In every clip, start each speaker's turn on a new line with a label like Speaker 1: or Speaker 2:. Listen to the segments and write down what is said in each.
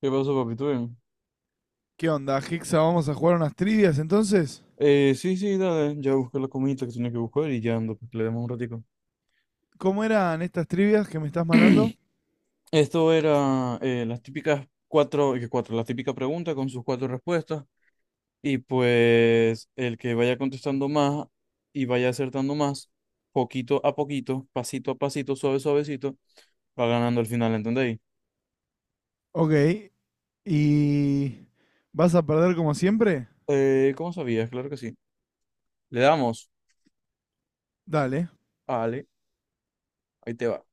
Speaker 1: ¿Qué pasó, papi? ¿Todo bien?
Speaker 2: ¿Qué onda, Hixa? Vamos a jugar unas trivias entonces.
Speaker 1: Sí, sí, dale, ya busqué la comidita que tenía que buscar y ya ando, pues que le demos un ratico.
Speaker 2: ¿Cómo eran estas trivias que me estás mandando?
Speaker 1: Esto era las típicas cuatro, la típica pregunta con sus cuatro respuestas. Y pues el que vaya contestando más y vaya acertando más, poquito a poquito, pasito a pasito, suave, suavecito, va ganando al final, ¿entendéis?
Speaker 2: Ok. ¿Y vas a perder como siempre?
Speaker 1: ¿Cómo sabías? Claro que sí. Le damos.
Speaker 2: Dale.
Speaker 1: Vale, ahí te va.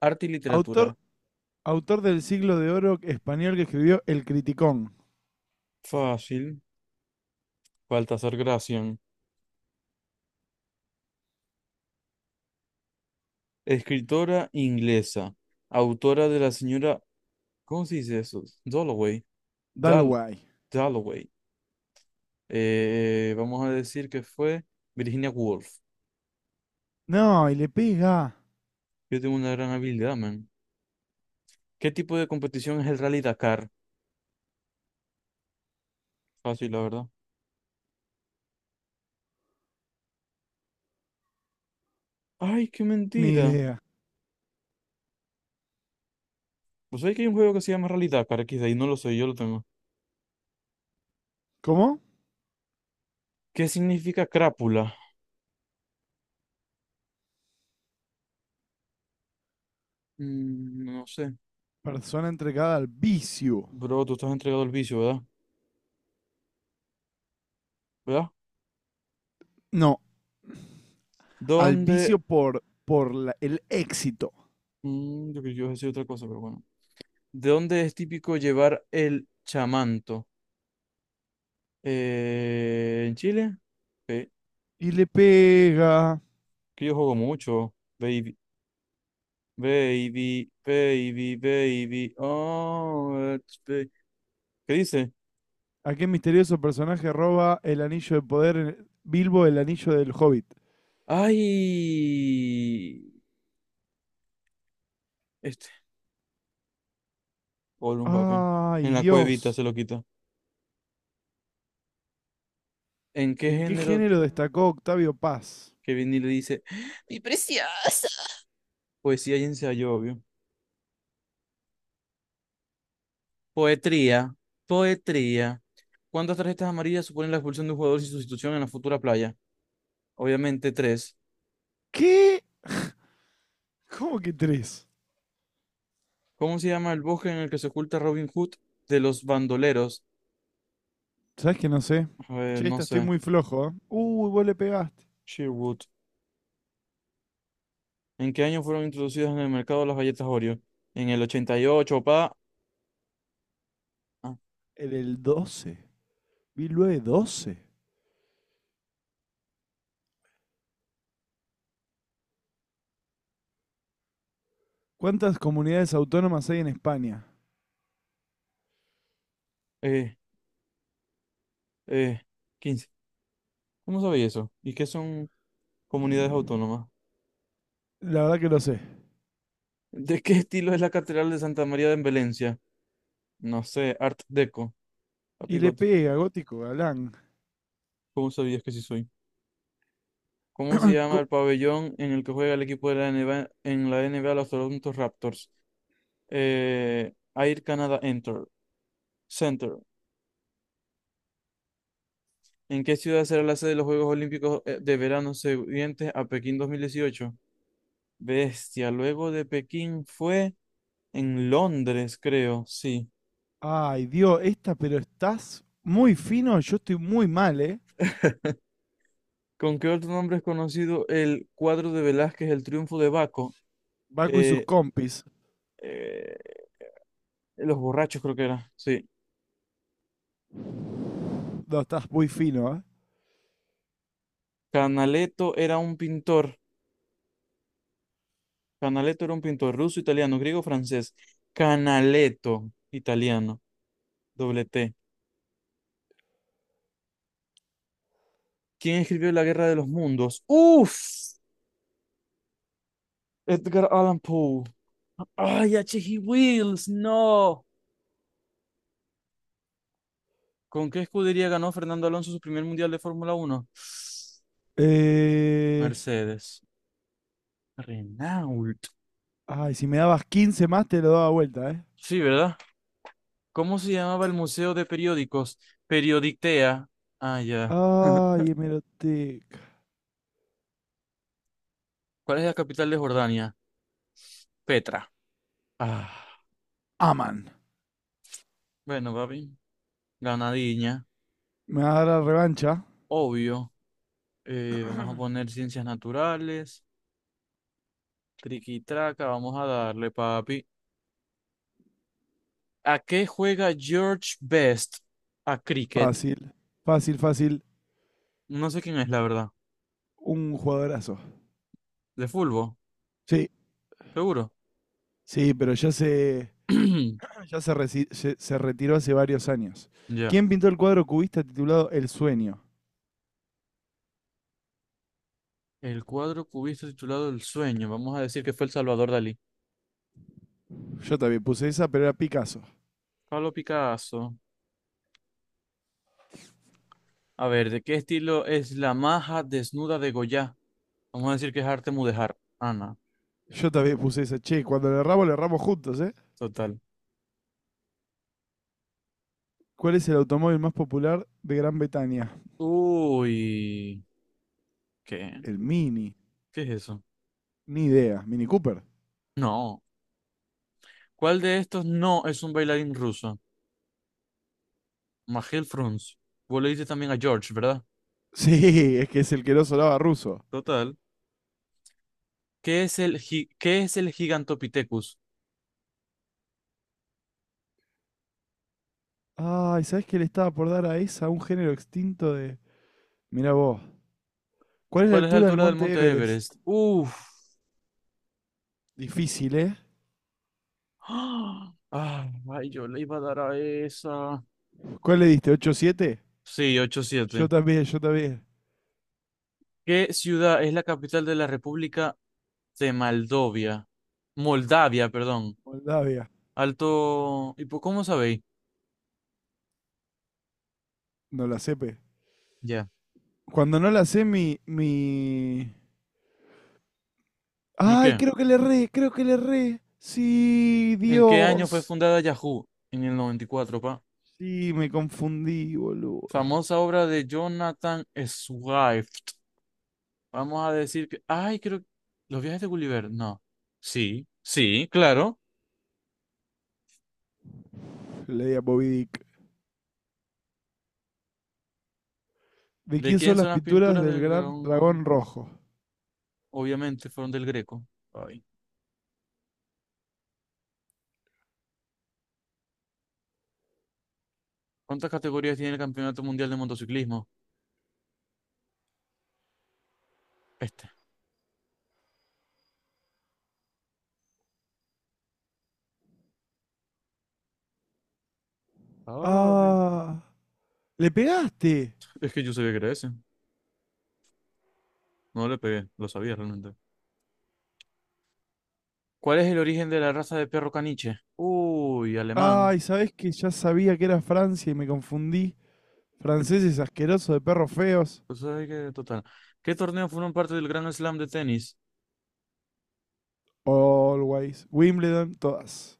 Speaker 1: Arte y literatura.
Speaker 2: Autor, autor del siglo de oro español que escribió El Criticón.
Speaker 1: Fácil. Baltasar Gracián. Escritora inglesa, autora de la señora, ¿cómo se dice eso? Dalloway, Dal-
Speaker 2: Dalway.
Speaker 1: Dalloway. Vamos a decir que fue Virginia Woolf.
Speaker 2: No, y le pega.
Speaker 1: Yo tengo una gran habilidad, man. ¿Qué tipo de competición es el Rally Dakar? Fácil, la verdad. Ay, qué
Speaker 2: Ni
Speaker 1: mentira.
Speaker 2: idea.
Speaker 1: Pues hay que hay un juego que se llama Rally Dakar, aquí de ahí no lo sé, yo lo tengo.
Speaker 2: ¿Cómo?
Speaker 1: ¿Qué significa crápula? No sé.
Speaker 2: Persona entregada al vicio.
Speaker 1: Bro, tú estás entregado al vicio, ¿verdad? ¿Verdad?
Speaker 2: No, al
Speaker 1: ¿Dónde?
Speaker 2: vicio por el éxito.
Speaker 1: Yo creo que yo iba a decir otra cosa, pero bueno. ¿De dónde es típico llevar el chamanto? ¿En Chile? Eh,
Speaker 2: Y le pega.
Speaker 1: que yo juego mucho. Baby, baby, baby, baby. Oh, it's ¿Qué dice?
Speaker 2: ¿A qué misterioso personaje roba el anillo de poder en- Bilbo el anillo del Hobbit?
Speaker 1: ¡Ay! Este, un papi.
Speaker 2: ¡Ay,
Speaker 1: En la cuevita se
Speaker 2: Dios!
Speaker 1: lo quita. ¿En qué
Speaker 2: ¿En qué
Speaker 1: género
Speaker 2: género destacó Octavio Paz?
Speaker 1: que Vinny le dice? Mi preciosa. Poesía y ensayo, obvio. Poetría, poetría. ¿Cuántas tarjetas amarillas suponen la expulsión de un jugador sin sustitución en la futura playa? Obviamente tres.
Speaker 2: ¿Qué? ¿Cómo que tres?
Speaker 1: ¿Cómo se llama el bosque en el que se oculta Robin Hood de los bandoleros?
Speaker 2: ¿Sabes que no sé? Che,
Speaker 1: No
Speaker 2: esta estoy
Speaker 1: sé.
Speaker 2: muy flojo, ¿eh? Uy, vos le pegaste.
Speaker 1: Sherwood. ¿En qué año fueron introducidas en el mercado las galletas Oreo? En el 88, pa. Ah,
Speaker 2: En el 12. Bilbo de 12. ¿Cuántas comunidades autónomas hay en España?
Speaker 1: eh, eh, 15. ¿Cómo sabéis eso? ¿Y qué son comunidades autónomas?
Speaker 2: La verdad que lo sé.
Speaker 1: ¿De qué estilo es la Catedral de Santa María de Valencia? No sé, Art Deco. Papi,
Speaker 2: Y le
Speaker 1: Goti,
Speaker 2: pega, gótico galán.
Speaker 1: ¿cómo sabías que sí soy? ¿Cómo se llama
Speaker 2: Co-
Speaker 1: el pabellón en el que juega el equipo de la NBA, en la NBA los Toronto Raptors? Air Canada Center. ¿En qué ciudad será la sede de los Juegos Olímpicos de verano siguientes a Pekín 2018? Bestia, luego de Pekín fue en Londres, creo, sí.
Speaker 2: Ay, Dios, esta, pero estás muy fino, yo estoy muy mal, ¿eh?
Speaker 1: ¿Con qué otro nombre es conocido el cuadro de Velázquez, El Triunfo de Baco?
Speaker 2: Baco y sus
Speaker 1: Eh,
Speaker 2: compis.
Speaker 1: eh, Los borrachos, creo que era, sí.
Speaker 2: No, estás muy fino, ¿eh?
Speaker 1: Canaletto era un pintor. Canaletto era un pintor ruso, italiano, griego, francés. Canaletto, italiano, doble T. ¿Quién escribió La Guerra de los Mundos? ¡Uf! Edgar Allan Poe. ¡Ay, H. G. Wills! ¡No! ¿Con qué escudería ganó Fernando Alonso su primer mundial de Fórmula Uno?
Speaker 2: Eh,
Speaker 1: Mercedes. Renault.
Speaker 2: Ay, si me dabas 15 más, te lo daba vuelta, ¿eh?
Speaker 1: Sí, ¿verdad? ¿Cómo se llamaba el museo de periódicos? Periodictea. Ah, ya.
Speaker 2: Ay, hemeroteca.
Speaker 1: ¿Cuál es la capital de Jordania? Petra. Ah,
Speaker 2: Aman.
Speaker 1: bueno, papi. Ganadiña.
Speaker 2: Me va a dar la revancha.
Speaker 1: Obvio. Vamos a poner ciencias naturales. Triquitraca. Vamos a darle, papi. ¿A qué juega George Best? A cricket.
Speaker 2: Fácil. Fácil, fácil.
Speaker 1: No sé quién es, la verdad.
Speaker 2: Un jugadorazo.
Speaker 1: ¿De fútbol?
Speaker 2: Sí,
Speaker 1: Seguro.
Speaker 2: sí, pero ya se, ya se, resi- se- se retiró hace varios años.
Speaker 1: Ya.
Speaker 2: ¿Quién pintó el cuadro cubista titulado El Sueño?
Speaker 1: El cuadro cubista titulado El sueño. Vamos a decir que fue el Salvador Dalí.
Speaker 2: Yo también puse esa, pero era Picasso.
Speaker 1: Pablo Picasso. A ver, ¿de qué estilo es la maja desnuda de Goya? Vamos a decir que es arte mudéjar. Ana.
Speaker 2: Yo también puse esa. Che, cuando le erramos juntos, ¿eh?
Speaker 1: Total.
Speaker 2: ¿Cuál es el automóvil más popular de Gran Bretaña?
Speaker 1: Uy. ¿Qué?
Speaker 2: El Mini.
Speaker 1: ¿Qué es eso?
Speaker 2: Ni idea. Mini Cooper.
Speaker 1: No. ¿Cuál de estos no es un bailarín ruso? Magel Frunz. Vos le dices también a George, ¿verdad?
Speaker 2: Sí, es que es el que no sonaba ruso.
Speaker 1: Total. ¿Qué es el, qué es el Gigantopithecus?
Speaker 2: Ay, ¿sabés qué le estaba por dar a esa? Un género extinto de... Mirá vos. ¿Cuál es la
Speaker 1: ¿Cuál es la
Speaker 2: altura del
Speaker 1: altura del
Speaker 2: monte
Speaker 1: monte
Speaker 2: Everest?
Speaker 1: Everest? Uf.
Speaker 2: Difícil, ¿eh?
Speaker 1: ¡Ah! Ay, yo le iba a dar a esa.
Speaker 2: ¿Cuál le diste? 8-7.
Speaker 1: Sí, ocho
Speaker 2: Yo
Speaker 1: siete.
Speaker 2: también, yo también.
Speaker 1: ¿Qué ciudad es la capital de la República de Moldavia? Moldavia, perdón.
Speaker 2: Moldavia.
Speaker 1: Alto. ¿Y cómo sabéis?
Speaker 2: No la sepe.
Speaker 1: Ya.
Speaker 2: Cuando no la sé, mi...
Speaker 1: ¿Y
Speaker 2: Ay,
Speaker 1: qué?
Speaker 2: creo que le erré, creo que le erré. Sí,
Speaker 1: ¿En qué año fue
Speaker 2: Dios.
Speaker 1: fundada Yahoo? En el 94, pa.
Speaker 2: Sí, me confundí, boludo.
Speaker 1: Famosa obra de Jonathan Swift. Vamos a decir que, ay, creo, que los viajes de Gulliver, no. Sí, sí, claro.
Speaker 2: Le di a Bobby Dick. ¿De
Speaker 1: ¿De
Speaker 2: quién son
Speaker 1: quién son
Speaker 2: las
Speaker 1: las
Speaker 2: pinturas
Speaker 1: pinturas
Speaker 2: del
Speaker 1: del
Speaker 2: gran
Speaker 1: dragón? ¿Rojo?
Speaker 2: dragón rojo?
Speaker 1: Obviamente fueron del Greco. Ay. ¿Cuántas categorías tiene el Campeonato Mundial de Motociclismo? Este. Ah, bien.
Speaker 2: Ah, le pegaste.
Speaker 1: Es que yo sabía que era ese. No le pegué, lo sabía realmente. ¿Cuál es el origen de la raza de perro caniche? Uy, alemán.
Speaker 2: Ay, ¿sabés que ya sabía que era Francia y me confundí? Franceses asquerosos de perros feos.
Speaker 1: Pues hay que, total. ¿Qué torneos fueron parte del Grand Slam de tenis?
Speaker 2: Always. Wimbledon, todas.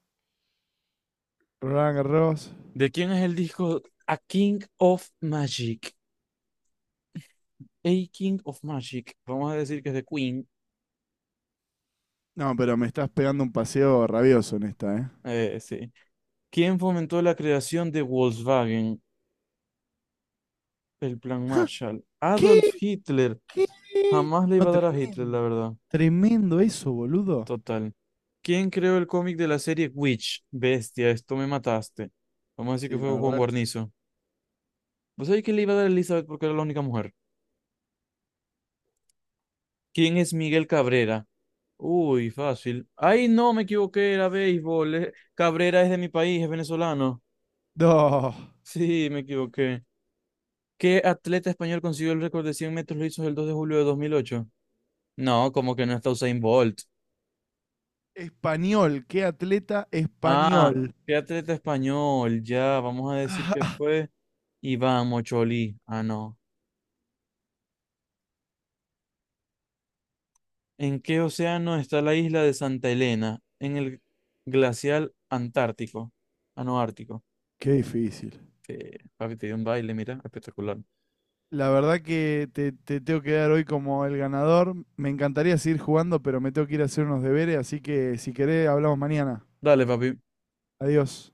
Speaker 2: Roland Garros.
Speaker 1: ¿De quién es el disco A King of Magic? A King of Magic, vamos a decir que es de Queen,
Speaker 2: No, pero me estás pegando un paseo rabioso en esta, ¿eh?
Speaker 1: sí. ¿Quién fomentó la creación de Volkswagen, el Plan Marshall? Adolf
Speaker 2: ¿Qué?
Speaker 1: Hitler.
Speaker 2: ¿Qué?
Speaker 1: Jamás le
Speaker 2: No,
Speaker 1: iba a dar a Hitler, la
Speaker 2: tremendo.
Speaker 1: verdad.
Speaker 2: Tremendo eso, boludo.
Speaker 1: Total. ¿Quién creó el cómic de la serie Witch? Bestia, esto me mataste. Vamos a decir que
Speaker 2: Sí,
Speaker 1: fue
Speaker 2: la
Speaker 1: Juan
Speaker 2: verdad.
Speaker 1: Guarnizo. ¿Vos sabés que le iba a dar a Elizabeth porque era la única mujer? ¿Quién es Miguel Cabrera? Uy, fácil. Ay, no, me equivoqué, era béisbol. Cabrera es de mi país, es venezolano.
Speaker 2: No.
Speaker 1: Sí, me equivoqué. ¿Qué atleta español consiguió el récord de 100 metros lisos el 2 de julio de 2008? No, como que no está Usain Bolt.
Speaker 2: Español, qué atleta
Speaker 1: Ah,
Speaker 2: español.
Speaker 1: ¿qué atleta español? Ya, vamos a decir que fue Iván Mocholí. Ah, no. ¿En qué océano está la isla de Santa Elena? En el glacial Antártico. Ah, no, Ártico.
Speaker 2: Qué difícil.
Speaker 1: Que, papi, te dio un baile, mira, espectacular.
Speaker 2: La verdad que te tengo que dar hoy como el ganador. Me encantaría seguir jugando, pero me tengo que ir a hacer unos deberes, así que si querés, hablamos mañana.
Speaker 1: Dale, papi.
Speaker 2: Adiós.